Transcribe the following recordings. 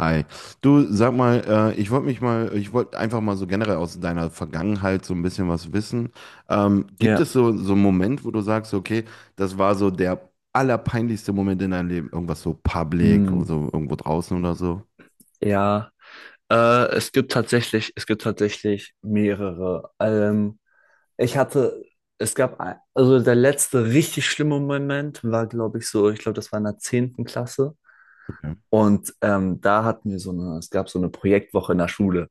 Hi. Du, sag mal, ich wollte mich mal, ich wollte einfach mal so generell aus deiner Vergangenheit so ein bisschen was wissen. Gibt Ja, es so, so einen Moment, wo du sagst, okay, das war so der allerpeinlichste Moment in deinem Leben? Irgendwas so public, mm, so irgendwo draußen oder so? ja. Es gibt tatsächlich mehrere. Ich hatte, es gab, ein, also der letzte richtig schlimme Moment war, glaube ich, so, ich glaube, das war in der zehnten Klasse. Okay. Und da hatten wir so eine, es gab so eine Projektwoche in der Schule.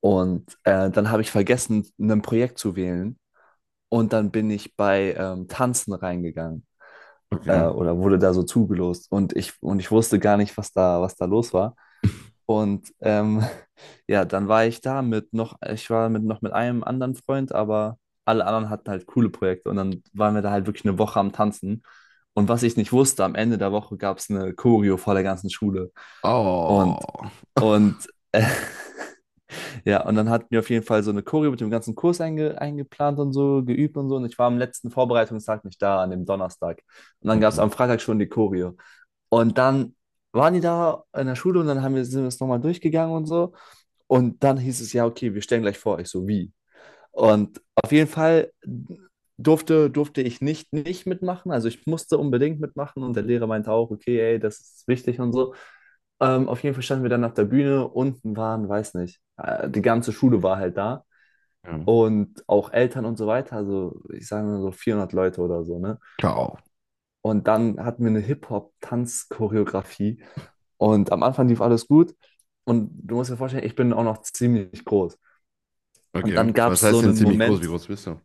Und dann habe ich vergessen, ein Projekt zu wählen. Und dann bin ich bei Tanzen reingegangen Okay. oder wurde da so zugelost. Und ich wusste gar nicht, was da los war. Und ja, dann war ich da mit noch, ich war mit noch mit einem anderen Freund, aber alle anderen hatten halt coole Projekte und dann waren wir da halt wirklich eine Woche am Tanzen. Und was ich nicht wusste, am Ende der Woche gab es eine Choreo vor der ganzen Schule. Oh. Und, und ja, und dann hatten wir auf jeden Fall so eine Choreo mit dem ganzen Kurs eingeplant und so, geübt und so. Und ich war am letzten Vorbereitungstag nicht da, an dem Donnerstag. Und dann gab es Okay. am Freitag schon die Choreo. Und dann waren die da in der Schule und dann haben wir, sind wir es nochmal durchgegangen und so. Und dann hieß es, ja, okay, wir stellen gleich vor. Ich so, wie? Und auf jeden Fall durfte ich nicht mitmachen. Also ich musste unbedingt mitmachen und der Lehrer meinte auch, okay, ey, das ist wichtig und so. Auf jeden Fall standen wir dann auf der Bühne, unten waren, weiß nicht, die ganze Schule war halt da Ja. und auch Eltern und so weiter, also ich sage mal so 400 Leute oder so, ne? Ciao. Und dann hatten wir eine Hip-Hop-Tanz-Choreografie und am Anfang lief alles gut und du musst dir vorstellen, ich bin auch noch ziemlich groß. Und Okay. dann gab Was es so heißt denn einen ziemlich groß? Wie Moment, groß bist du?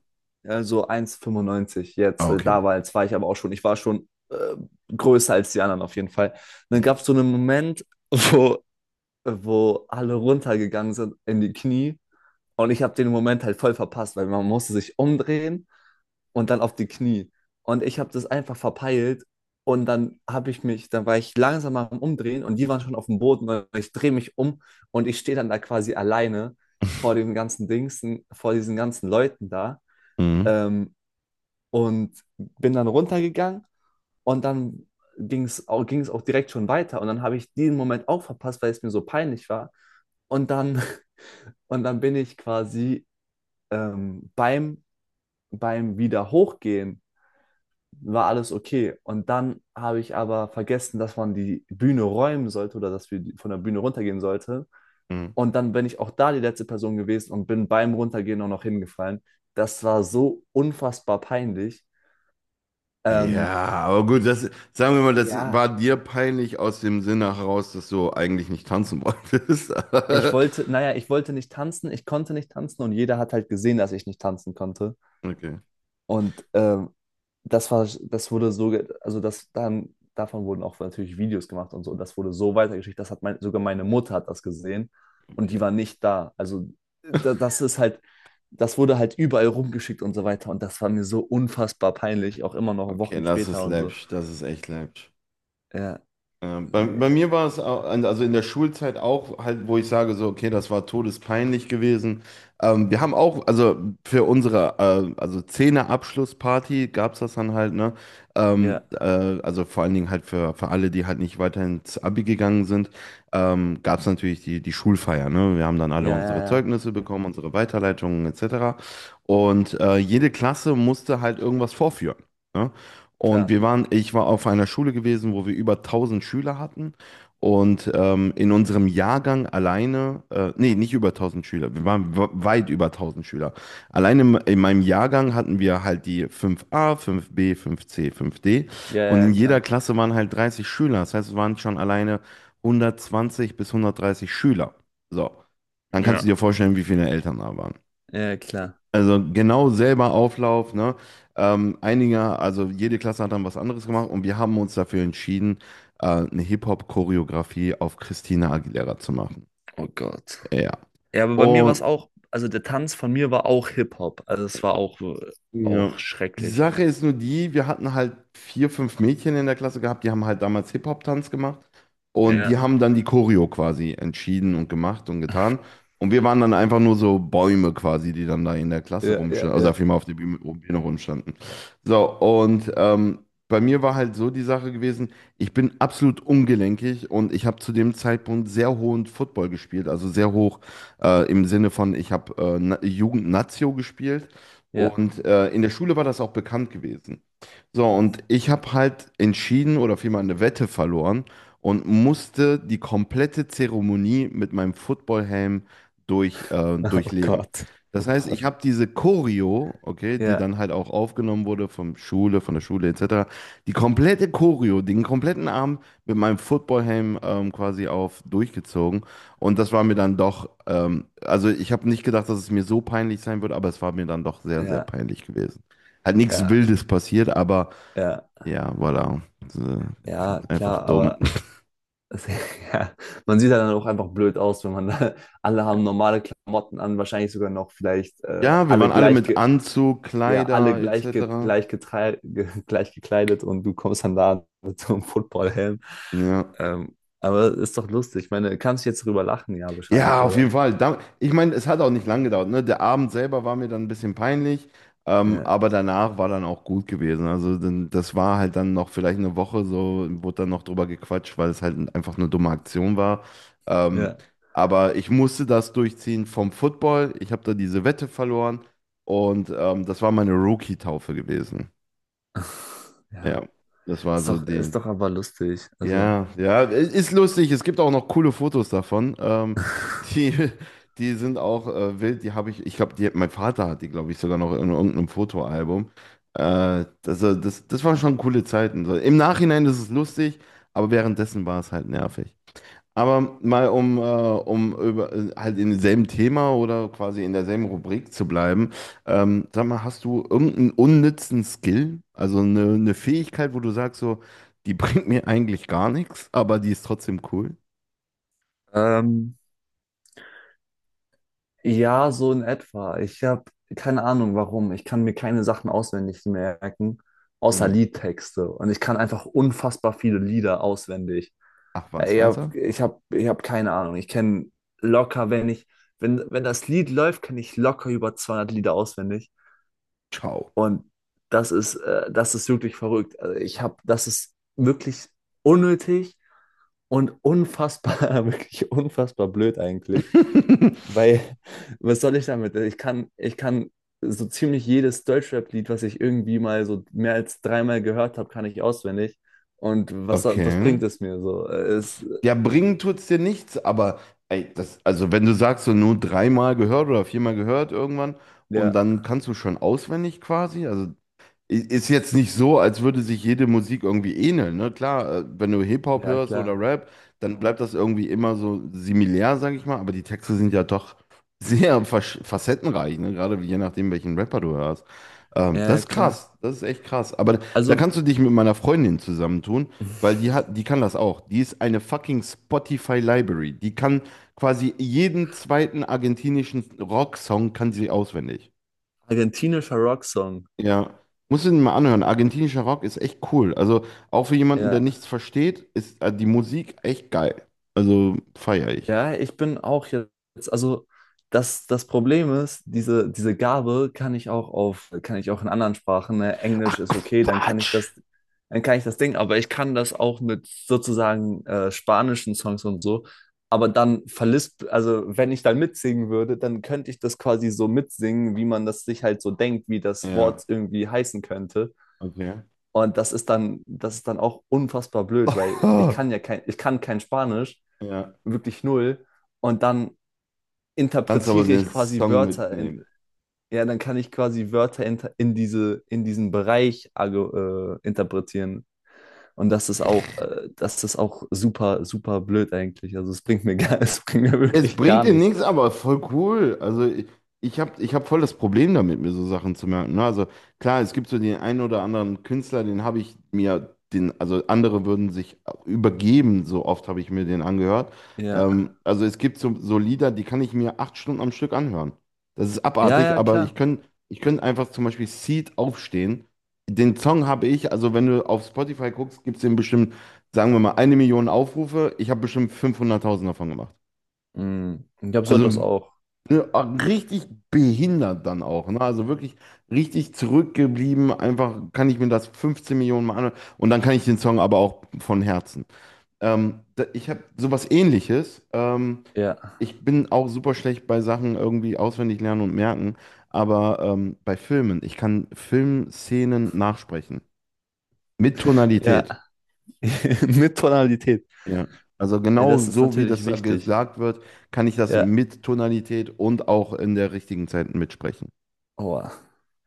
so 1,95 Ah, jetzt, okay. damals war jetzt war ich aber auch schon, ich war schon größer als die anderen auf jeden Fall. Und dann Mhm. gab es so einen Moment, wo, wo alle runtergegangen sind in die Knie und ich habe den Moment halt voll verpasst, weil man musste sich umdrehen und dann auf die Knie. Und ich habe das einfach verpeilt und dann habe ich mich, dann war ich langsam am Umdrehen und die waren schon auf dem Boden, weil ich drehe mich um und ich stehe dann da quasi alleine vor den ganzen Dings, vor diesen ganzen Leuten da ähm, und bin dann runtergegangen und dann ging es auch direkt schon weiter und dann habe ich diesen Moment auch verpasst, weil es mir so peinlich war und dann, und dann bin ich quasi ähm, beim, beim wieder hochgehen war alles okay. Und dann habe ich aber vergessen, dass man die Bühne räumen sollte oder dass wir von der Bühne runtergehen sollte. Mhm. Und dann bin ich auch da die letzte Person gewesen und bin beim Runtergehen auch noch hingefallen. Das war so unfassbar peinlich. Ähm, Ja, aber gut, das, sagen wir mal, das ja, war dir peinlich aus dem Sinne heraus, dass du eigentlich nicht tanzen wolltest. ich wollte, naja, ich wollte nicht tanzen, ich konnte nicht tanzen und jeder hat halt gesehen, dass ich nicht tanzen konnte. Okay, Und das war, das wurde so, also das dann, davon wurden auch natürlich Videos gemacht und so. Und das wurde so weitergeschickt, das hat mein, sogar meine Mutter hat das gesehen und die okay. war nicht da. Also da, das ist halt, das wurde halt überall rumgeschickt und so weiter. Und das war mir so unfassbar peinlich, auch immer noch Okay, Wochen das ist später und so. läppisch, das ist echt läppisch. Ja, Ja, bei, bei nee, mir war es au- also in der Schulzeit auch halt, wo ich sage so, okay, das war todespeinlich gewesen. Wir haben auch, also für unsere also Zehner-Abschlussparty gab es das dann halt, ne? Ähm, ja, äh, also vor allen Dingen halt für alle, die halt nicht weiter ins Abi gegangen sind, gab es natürlich die, die Schulfeier, ne? Wir haben dann alle ja, ja, unsere ja, Zeugnisse bekommen, unsere Weiterleitungen etc. Und jede Klasse musste halt irgendwas vorführen. Ne? Und klar. wir waren, ich war auf einer Schule gewesen, wo wir über 1000 Schüler hatten. Und in unserem Jahrgang alleine, nee, nicht über 1000 Schüler, wir waren we- weit über 1000 Schüler. Alleine in meinem Jahrgang hatten wir halt die fünf a fünf b fünf c fünf d. Ja, Und ja, in jeder klar. Klasse waren halt 30 Schüler. Das heißt, es waren schon alleine 120 bis 130 Schüler. So, dann kannst du dir Ja. vorstellen, wie viele Eltern da waren. Ja, klar. Also genau selber Auflauf, ne? Einige, also jede Klasse hat dann was anderes gemacht und wir haben uns dafür entschieden, eine Hip-Hop-Choreografie auf Christina Aguilera zu machen. Oh Gott. Ja, aber bei mir war Ja. es auch, also der Tanz von mir war auch Hip-Hop. Also es war auch, Ja. auch Die schrecklich. Sache ist nur die, wir hatten halt vier, fünf Mädchen in der Klasse gehabt, die haben halt damals Hip-Hop-Tanz gemacht und die Ja, haben dann die Choreo quasi entschieden und gemacht und getan. Und wir waren dann einfach nur so Bäume quasi, die dann da in der Klasse ja, ja, rumstanden, also ja, vielmehr auf der Bühne, Bühne rumstanden. So, und bei mir war halt so die Sache gewesen, ich bin absolut ungelenkig und ich habe zu dem Zeitpunkt sehr hohen Football gespielt, also sehr hoch im Sinne von, ich habe Na- Jugend-Nazio gespielt. ja, Und in der Schule war das auch bekannt gewesen. So, und ich habe halt entschieden oder vielmehr eine Wette verloren und musste die komplette Zeremonie mit meinem Footballhelm durch, Oh durchleben. Gott, Das oh heißt, ich Gott. habe diese Choreo, okay, die Ja, dann halt auch aufgenommen wurde vom Schule, von der Schule etc., die komplette Choreo, den kompletten Abend mit meinem Footballhelm quasi auf durchgezogen. Und das war mir dann doch, also ich habe nicht gedacht, dass es mir so peinlich sein wird, aber es war mir dann doch sehr, sehr ja, peinlich gewesen. Hat nichts ja, Wildes passiert, aber ja, ja, voilà. So, ja, einfach klar, dumm. aber es- ja, man sieht ja dann auch einfach blöd aus, wenn man da, alle haben normale Klamotten an, wahrscheinlich sogar noch vielleicht Ja, wir alle waren alle gleich, mit Anzug, ja, alle Kleider gleich, etc. gleich, gleich gekleidet und du kommst dann da mit so einem Footballhelm. Ja. Aber ist doch lustig. Ich meine, kannst du jetzt drüber lachen, ja, bescheiden, Ja, auf oder? jeden Fall. Da, ich meine, es hat auch nicht lang gedauert. Ne? Der Abend selber war mir dann ein bisschen peinlich, Ja, aber danach war dann auch gut gewesen. Also dann, das war halt dann noch vielleicht 1 Woche so, wurde dann noch drüber gequatscht, weil es halt einfach eine dumme Aktion war. Ähm, ja. aber ich musste das durchziehen vom Football. Ich habe da diese Wette verloren und das war meine Rookie-Taufe gewesen. Ja, Ja, das war ist so doch, ist die. doch aber lustig. Also, Ja, ja, es ist lustig. Es gibt auch noch coole Fotos davon. Die, die sind auch wild. Die habe ich, ich glaube, die, mein Vater hat die, glaube ich, sogar noch in irgendeinem Fotoalbum. Das, das, das waren schon coole Zeiten. So, im Nachhinein ist es lustig, aber währenddessen war es halt nervig. Aber mal um, um über, halt in demselben Thema oder quasi in derselben Rubrik zu bleiben, sag mal, hast du irgendeinen unnützen Skill, also eine Fähigkeit, wo du sagst so, die bringt mir eigentlich gar nichts, aber die ist trotzdem cool? ähm, Ja, so in etwa. Ich habe keine Ahnung, warum. Ich kann mir keine Sachen auswendig merken, außer Hm. Liedtexte. Und ich kann einfach unfassbar viele Lieder auswendig. Ach Äh, was, Ich ernsthaft? habe ich hab, ich hab keine Ahnung. Ich kenne locker, wenn ich, wenn, wenn das Lied läuft, kenne ich locker über 200 Lieder auswendig. Ciao. Und das ist wirklich verrückt. Also ich habe, das ist wirklich unnötig und unfassbar, wirklich unfassbar blöd eigentlich. Weil, was soll ich damit? Ich kann so ziemlich jedes Deutschrap-Lied, was ich irgendwie mal so mehr als dreimal gehört habe, kann ich auswendig. Und was Okay. bringt es mir so? Äh, Es, Ja, bringen tut's dir nichts, aber ey, das, also wenn du sagst, so nur dreimal gehört oder viermal gehört irgendwann und ja, dann kannst du schon auswendig quasi, also ist jetzt nicht so, als würde sich jede Musik irgendwie ähneln, ne? Klar, wenn du Hip-Hop ja, hörst klar. oder Rap, dann bleibt das irgendwie immer so similär, sag ich mal, aber die Texte sind ja doch sehr versch- facettenreich, ne? Gerade je nachdem, welchen Rapper du hörst. Das Ja, ist klar. krass, das ist echt krass. Aber da, da Also, kannst du dich mit meiner Freundin zusammentun, weil die hat, die kann das auch. Die ist eine fucking Spotify Library. Die kann quasi jeden zweiten argentinischen Rocksong kann sie auswendig. argentinischer Rocksong. Ja, musst du ihn mal anhören. Argentinischer Rock ist echt cool. Also auch für jemanden, der Ja. nichts versteht, ist die Musik echt geil. Also feiere ich. Ja, ich bin auch jetzt, also das Problem ist, diese Gabe kann ich auch auf, kann ich auch in anderen Sprachen, ne? Ach Englisch ist okay, dann kann ich Quatsch! das, dann kann ich das Ding, aber ich kann das auch mit sozusagen spanischen Songs und so, aber dann verlisp, also wenn ich dann mitsingen würde, dann könnte ich das quasi so mitsingen, wie man das sich halt so denkt, wie das Ja, Wort irgendwie heißen könnte. okay. Und das ist dann auch unfassbar blöd, weil ich kann ja kein, ich kann kein Spanisch, Ja. wirklich null. Und dann Kannst aber interpretiere den ich quasi Song Wörter mitnehmen. in, ja, dann kann ich quasi Wörter in, in diesen Bereich interpretieren. Und das ist auch super, super blöd eigentlich. Also es bringt mir gar, es bringt mir Es wirklich bringt gar dir nichts. nichts, aber voll cool. Also ich habe ich hab voll das Problem damit, mir so Sachen zu merken. Ne? Also klar, es gibt so den einen oder anderen Künstler, den habe ich mir, den, also andere würden sich übergeben, so oft habe ich mir den angehört. Ja. Also es gibt so, so Lieder, die kann ich mir 8 Stunden am Stück anhören. Das ist Ja, abartig, ja, aber klar. ich könnte ich könnt einfach zum Beispiel Seed aufstehen. Den Song habe ich, also wenn du auf Spotify guckst, gibt es den bestimmt, sagen wir mal, 1 Million Aufrufe. Ich habe bestimmt 500.000 davon gemacht. Mhm. Ich glaube, so Also etwas auch. ne, ah, richtig behindert dann auch, ne? Also wirklich richtig zurückgeblieben. Einfach kann ich mir das 15 Millionen Mal anhören. Und dann kann ich den Song aber auch von Herzen. Da, ich habe sowas Ähnliches. Ja. Ich bin auch super schlecht bei Sachen irgendwie auswendig lernen und merken. Aber bei Filmen, ich kann Filmszenen nachsprechen. Mit Ja. Tonalität. Mit Tonalität. Ja. Also Ja, genau das ist so, wie das natürlich da wichtig. gesagt wird, kann ich das Ja. mit Tonalität und auch in der richtigen Zeit mitsprechen. Boah.